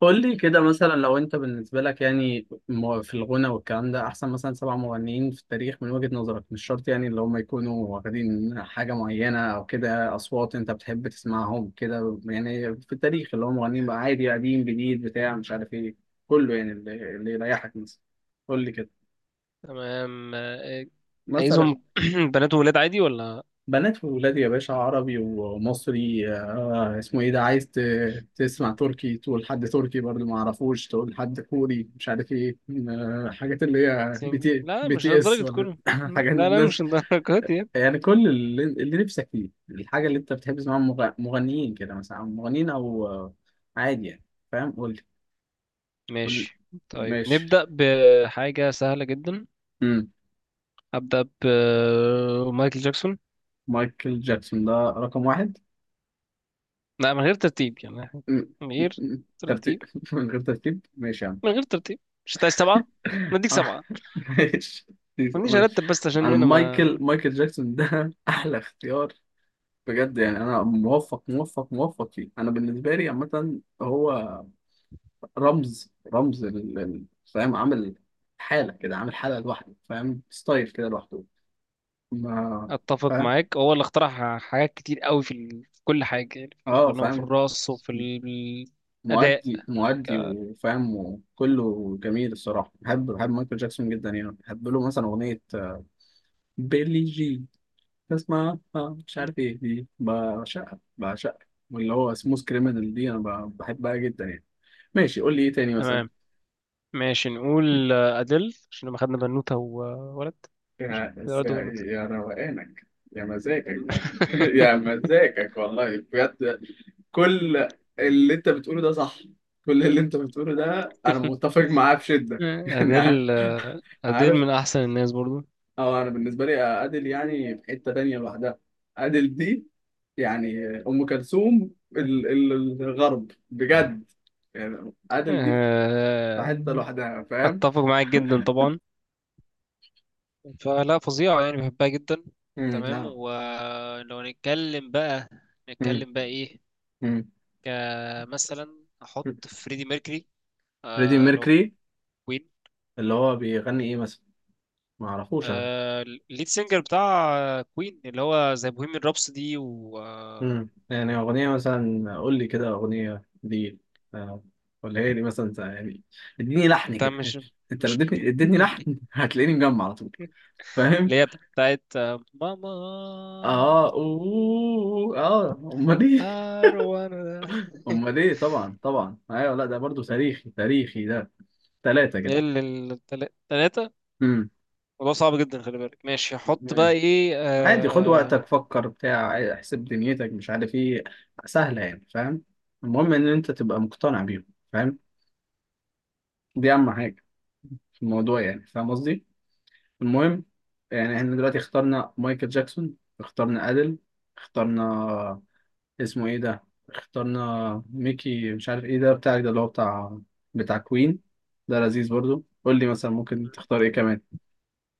قول لي كده مثلا لو انت بالنسبة لك يعني في الغنى والكلام ده، احسن مثلا سبع مغنيين في التاريخ من وجهة نظرك، مش شرط يعني اللي هم يكونوا واخدين حاجة معينة او كده، اصوات انت بتحب تسمعهم كده يعني في التاريخ اللي هم مغنيين بقى، عادي قديم جديد بتاع مش عارف ايه، كله يعني اللي يريحك مثلا. قول لي كده تمام آه، مثلا. عايزهم بنات وولاد عادي ولا بنات وولاد يا باشا، عربي ومصري. آه اسمه ايه ده، عايز تسمع تركي، تقول حد تركي برضه ما اعرفوش، تقول حد كوري مش عارف ايه. آه حاجات اللي هي بي سنجل؟ تي لا بي مش تي اس لدرجة ولا كله. حاجات لا مش الناس. لدرجة يعني. يعني كل اللي نفسك فيه، الحاجة اللي انت بتحب تسمعها مغنيين كده مثلا، مغنيين او عادي يعني. فاهم؟ قول لي. قول لي. ماشي. طيب ماشي. نبدأ بحاجة سهلة جدا. مم. أبدأ بمايكل جاكسون. مايكل جاكسون ده رقم واحد؟ لا، من غير ترتيب يعني. مم. من مم. غير مم. ترتيب ترتيب من غير ترتيب ماشي يا عم. من غير ترتيب. مش عايز سبعة نديك أنا- سبعة. ماشي. ما تجيش ماشي أرتب بس عشان انا أنا مايكل ما مايكل جاكسون ده احلى اختيار بجد يعني. انا موفق موفق موفق فيه. انا بالنسبه لي عامه هو رمز رمز فاهم، عامل حاله كده، عامل حاله لوحده فاهم. ستايل كده لوحده. ما أتفق فاهم. معاك. هو اللي اخترع حاجات كتير قوي في كل حاجة، يعني في اه الغنى وفي فاهم. الرقص وفي الأداء. مؤدي مؤدي وفاهم، وكله جميل الصراحه. بحب بحب مايكل جاكسون جدا يعني. بحب له مثلا اغنيه بيلي جين، اسمها اه مش عارف ايه دي، بعشقها بعشقها، واللي هو سموث كريمنال دي انا بحبها جدا يعني. ماشي قول لي ايه تاني مثلا. تمام ماشي. نقول أديل عشان لما خدنا بنوتة وولد، مش يا ولد يا وبنوتة. يا روقانك، يا مزاجك يا مزاجك والله بجد. كل اللي انت بتقوله ده صح، كل اللي انت بتقوله ده انا متفق معاه بشدة يعني. أديل، أديل عارف. من أحسن الناس برضو. اه، انا بالنسبه لي ادل يعني في حته تانية لوحدها. ادل دي يعني ام كلثوم ال- ال- الغرب بجد يعني. ادل دي في آه، حته لوحدها فاهم. أتفق معاك جدا طبعا. فلا فظيعة يعني، بحبها جدا. امم. تمام. لا. ولو نتكلم بقى، امم. نتكلم بقى إيه؟ امم. كمثلا أحط فريدي ميركوري، فريدي اللي هو ميركوري كوين. اللي هو بيغني ايه مثلا؟ ما اعرفوش انا. الليد سينجر بتاع كوين، اللي هو زي بوهيميان رابسودي. امم، يعني اغنيه مثلا، قول لي كده اغنيه دي، آه، ولا هي دي مثلا يعني. اديني لحن انت كده مش انت لو مش اديتني لحن هتلاقيني مجمع على طول فاهم. اللي هي بتاعت ماما، اه اوه اه امال ايه. أروان. امال ايه، طبعا طبعا ايوه، لا ده برضو تاريخي تاريخي ده. ثلاثة ايه كده. اللي التلاتة؟ امم. الموضوع صعب جدا، خلي بالك. ماشي، هحط بقى تمام. ايه؟ عادي خد وقتك، فكر بتاع احسب دنيتك مش عارف ايه. سهلة يعني فاهم. المهم ان انت تبقى مقتنع بيهم فاهم. دي اهم حاجة في الموضوع يعني فاهم قصدي. المهم يعني احنا دلوقتي اخترنا مايكل جاكسون، اخترنا ادل، اخترنا اسمه ايه ده، اخترنا ميكي مش عارف ايه ده بتاعك، ده اللي هو بتاع كوين. ده لذيذ برضو. قول لي مثلا ممكن تختار ايه كمان.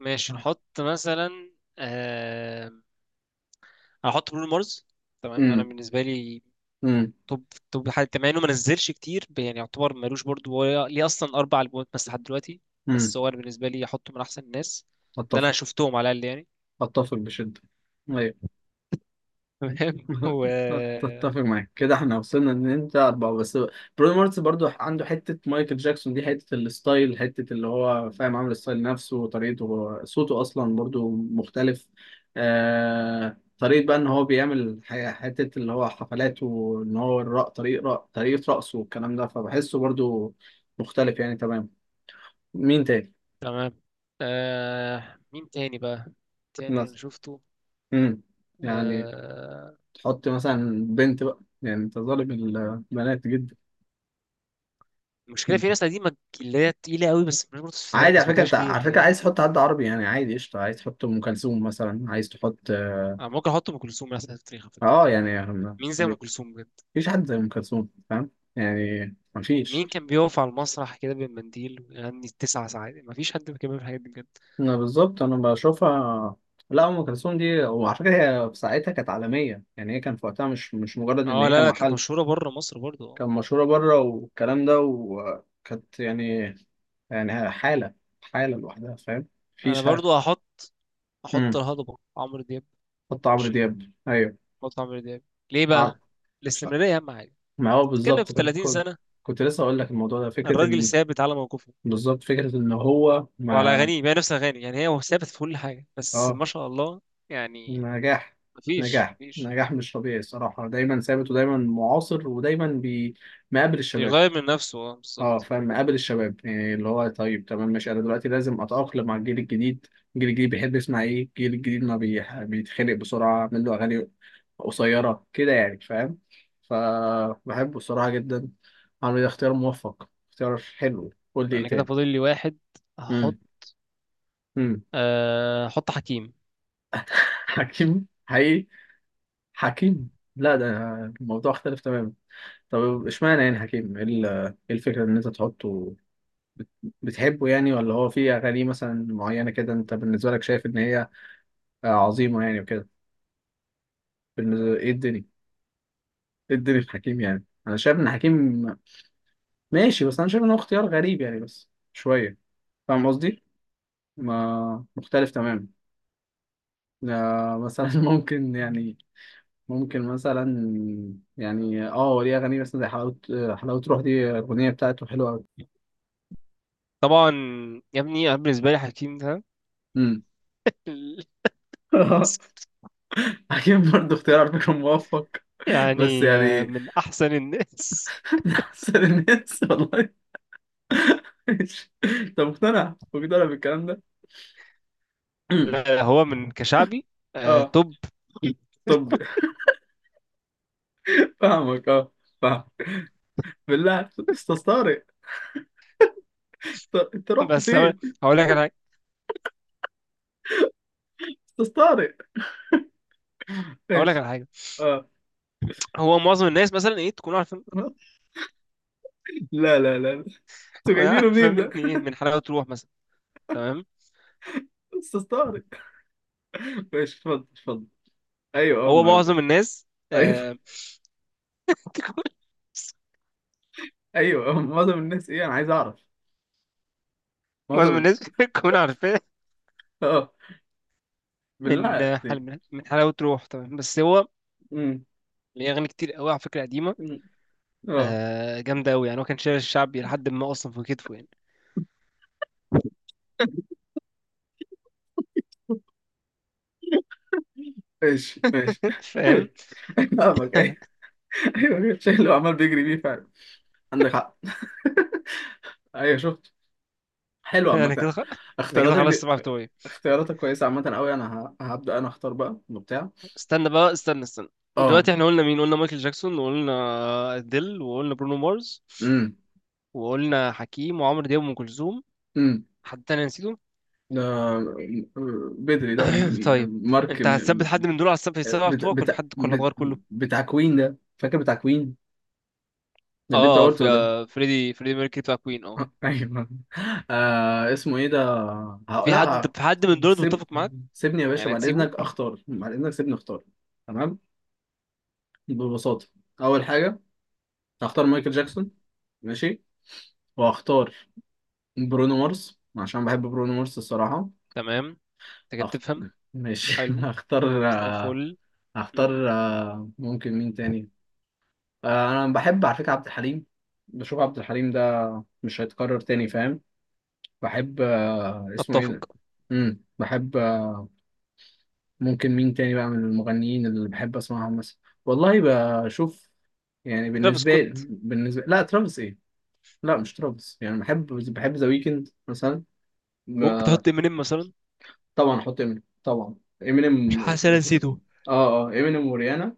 ماشي. نحط مثلا آه... هحط برونو مارس. تمام، انا امم. بالنسبة لي امم. توب، توب حاجة. مع انه ما نزلش كتير، يعني يعتبر مالوش برضو، هو ليه اصلا 4 البومات بس لحد دلوقتي. امم. بس هو انا بالنسبة لي هحطه من احسن الناس اللي انا اتفق. شفتهم على الاقل يعني. اتفق بشدة. ايوه. تمام. و تتفق معاك كده، احنا وصلنا ان انت اربعه بس. برونو مارس برضو عنده حته مايكل جاكسون دي، حته الستايل، حته اللي هو فاهم، عامل الستايل نفسه وطريقته، هو صوته اصلا برضو مختلف. طريقه بقى ان هو بيعمل حته اللي هو حفلات، وان هو طريقه رقصه والكلام ده، فبحسه برضو مختلف يعني تمام. مين تاني تمام، مين تاني بقى؟ تاني انا مثلا؟ شفته امم. يعني آه... تحط مثلا بنت بقى، يعني انت ظالم البنات جدا. المشكله في ناس قديمه اللي هي تقيله قوي، بس مش عادي ما على فكره. سمعتهاش انت على كتير فكره يعني. عايز تحط حد عربي، يعني عادي قشطه، عايز تحط ام كلثوم مثلا، عايز تحط اه. انا ممكن احط ام كلثوم مثلا في التاريخ على فكره. يعني مين زي ام كلثوم بجد؟ مفيش حد زي ام كلثوم فاهم. يعني مفيش. مين كان بيقف على المسرح كده بالمنديل ويغني 9 ساعات؟ ما فيش حد كان بيعمل الحاجات دي بجد. انا بالظبط انا بشوفها. لا ام كلثوم دي وعلى فكره، هي في ساعتها كانت عالميه. يعني هي كان في وقتها، مش مجرد ان اه هي لا، لا كانت محل. مشهوره بره مصر برضه اه. كان مشهوره بره والكلام ده، وكانت يعني، يعني حاله حاله لوحدها فاهم. انا مفيش حاجه. برضه احط، احط امم. الهضبه عمرو دياب. حط عمرو ماشي، دياب ايوه. احط عمرو دياب. ليه عمرو. بقى؟ الاستمراريه اهم حاجه. ما هو تتكلم بالظبط في كده. 30 كنت سنه، كنت لسه اقول لك. الموضوع ده فكره الراجل ان، ثابت على موقفه بالظبط فكره ان هو وعلى ما اغانيه، هي نفس اغاني يعني، هي هو ثابت في كل حاجه، بس اه. ما شاء الله يعني. نجاح مفيش نجاح مفيش نجاح مش طبيعي الصراحه. دايما ثابت ودايما معاصر ودايما مقابل الشباب. بيغير من نفسه، اه اه بالظبط. فاهم، مقابل الشباب يعني، اللي هو طيب تمام ماشي انا دلوقتي لازم اتاقلم مع الجيل الجديد. الجيل الجديد بيحب يسمع ايه؟ الجيل الجديد ما بيتخنق بسرعه، اعمل له اغاني قصيره كده يعني فاهم. فبحبه الصراحه جدا. عامل اختيار موفق، اختيار حلو. قول لي ايه انا كده تاني. فاضل لي واحد امم. هحط. امم. أه، هحط حكيم. حكيم حقيقي؟ حكيم، لا ده الموضوع اختلف تماما. طب اشمعنى يعني حكيم؟ ايه إيه الفكرة ان انت تحطه، بت- بتحبه يعني، ولا هو في اغاني مثلا معينة كده انت بالنسبة لك شايف ان هي عظيمة يعني وكده. بالنسبة ايه الدنيا؟ ايه الدنيا في حكيم؟ يعني انا شايف ان حكيم ماشي، بس انا شايف ان هو اختيار غريب يعني بس شوية فاهم قصدي. ما مختلف تماما. مثلا ممكن يعني، ممكن مثلا، يعني اه ليه اغاني مثلا زي حلاوه، حلاوه روح دي الاغنيه بتاعته حلوه قوي. طبعا يا ابني، أنا بالنسبه لي حكيم ده امم. اكيد برضه اختيار على فكره موفق بس يعني يعني من احسن الناس. من احسن الناس والله. ماشي. انت مقتنع مقتنع بالكلام ده؟ لا، هو من كشعبي اه. توب. طب فاهمك. اه فاهم. بالله استاذ طارق. انت رحت بس هقول فين؟ هقول لك على حاجه. استاذ طارق، هقول لك ماشي على حاجه. اه. هو معظم الناس مثلا ايه تكون عارفه؟ لا لا لا، انتوا تكون جايبينه عارفه منين ده. مني ايه؟ من حلاوه روح مثلا. تمام. استاذ طارق، ماشي اتفضل اتفضل. ايوه اه هو ما معظم الناس ايوه. آه، ايوه معظم الناس ايه انا عايز اعرف؟ معظم معظم الناس بتكون عارفاه اه بالله من آه، حل عليك. من من حلاوة روح طبعا. بس هو امم. ليه أغاني كتير قوي على فكرة قديمة، أمم. اه جامدة قوي يعني. هو كان شايل الشعبي لحد ما أصلا في كتفه يعني. ماشي ماشي. فاهم. فاهمك ايوه. ايوه الشيء اللي هو عمال بيجري بيه فعلا. عندك حق. ايوه شفت، حلو أنا كده عامة خ... أنا كده اختياراتك خلاص دي. السبعة بتوعي. اختياراتك كويسة عامة قوي، انا هبدأ انا اختار بقى وبتاع. استنى بقى، استنى، استنى. اه. دلوقتي احنا قلنا مين؟ قلنا مايكل جاكسون، وقلنا أديل، وقلنا برونو مارس، امم. وقلنا حكيم، وعمرو دياب، وأم كلثوم. امم. حد تاني نسيته؟ ده بدري ده. طيب، مارك انت هتثبت حد من دول على السبعة، السبعة بت... بتوعك، ولا في بت... حد، ولا بت... تغير كله؟ بتاع كوين ده، فاكر بتاع كوين اللي انت اه، قلته في ده. فريدي ميركوري بتاع كوين، اه. ايوه. آه اسمه ايه ده. ه- في حد، لا ه- انت في حد من دول انت سيب متفق معاك؟ سيبني يا باشا يعني بعد هتسيبه؟ اذنك اختار، بعد اذنك سيبني اختار. تمام ببساطه. اول حاجه هختار مايكل جاكسون، ماشي. وهختار برونو مارس عشان بحب برونو مارس الصراحه. تمام، انت كده أخ... بتفهم. ماشي. حلو، زي الفل. مم. هختار آه، ممكن مين تاني. انا بحب على فكره عبد الحليم. بشوف عبد الحليم ده مش هيتكرر تاني فاهم. بحب اسمه ايه اتفق. ده. امم، بحب ممكن مين تاني بقى من المغنيين اللي بحب اسمعهم مثلا. والله بشوف. يعني ترافيس بالنسبه سكوت. بالنسبه لا ترافيس ايه. لا مش ترافيس، يعني بحب بحب ذا ويكند مثلا. ممكن ب- تحط امينيم مثلا؟ طبعا احط امينيم طبعا. مش امينيم حاسس انا نسيته. اه اه. امينيم وريانا.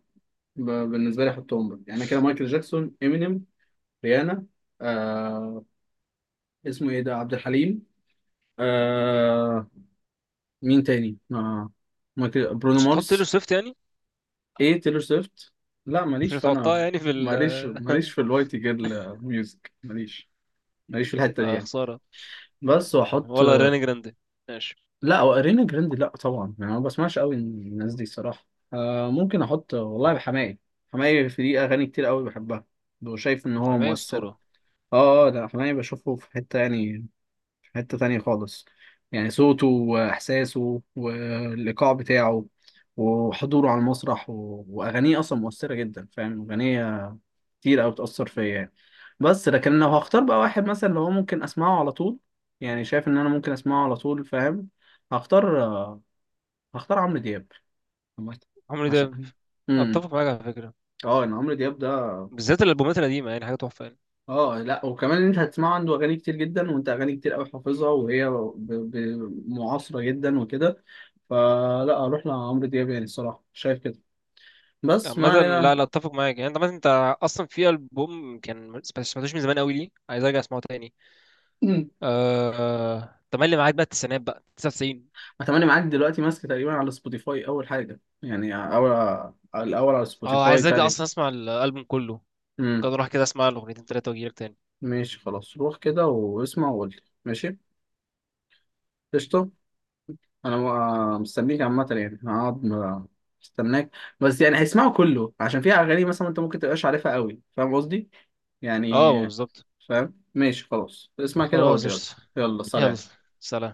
ب- بالنسبه لي احطهم بقى. يعني كده مايكل جاكسون، امينيم، ريانا، آه اسمه ايه ده عبد الحليم، آه مين تاني آه، مايكل، برونو مش هتحط تيلور مارس. سويفت يعني؟ ايه تيلور سويفت. لا مش ماليش هتحطها فانا. يعني في ال ماليش ماليش في الوايت جيرل ميوزك. ماليش ماليش في الحته دي اه يعني. خساره. بس واحط. ولا ريانا جراندي؟ ماشي. لا وارينا جراندي لا طبعا. يعني أنا ما بسمعش قوي الناس دي الصراحه. آه ممكن احط والله حماقي. حماقي في دي اغاني كتير قوي بحبها، وشايف ان هو حماية مؤثر. اسطوره. اه اه لا، حماقي بشوفه في حته يعني، في حته تانية خالص. يعني صوته واحساسه والايقاع بتاعه، وحضوره على المسرح، واغانيه اصلا مؤثره جدا فاهم. اغنيه كتير او تاثر فيا يعني. بس لكن لو هختار بقى واحد مثلا اللي هو ممكن اسمعه على طول، يعني شايف ان انا ممكن اسمعه على طول فاهم، هختار هختار عمرو دياب عامة. عمري ده. عشان امم اتفق معاك على فكره، اه ان عمرو دياب ده، بالذات الالبومات القديمه، يعني حاجه تحفه يعني. اه لا، وكمان إن انت هتسمعه عنده اغاني كتير جدا، وانت اغاني كتير قوي حافظها، وهي معاصره جدا وكده، فلا اروح لعمرو دياب يعني الصراحه شايف كده. بس ما عامة علينا. لا لا، اتفق معاك يعني. انت عامة انت اصلا في البوم كان ما سمعتوش من زمان قوي، ليه عايز ارجع اسمعه تاني. تملي معاك بقى، التسعينات بقى 99. اتمنى معاك دلوقتي ماسك تقريبا على سبوتيفاي اول حاجه يعني اول. الاول على اه، سبوتيفاي عايز ارجع تقريبا. اصلا اسمع الالبوم كله. ممكن امم. اروح كده اسمع الاغنيتين تلاتة واجيلك تاني. ماشي خلاص روح كده واسمع وقول لي. ماشي قشطه. انا مستنيك عامه يعني هقعد مستناك. بس يعني هيسمعوا كله عشان فيها اغاني مثلا انت ممكن تبقاش عارفها قوي فاهم قصدي. يعني اه بالظبط. فاهم. ماشي خلاص اسمع كده وقول خلاص لي. يلا. قشطة. يلا يلا سلام. سلام.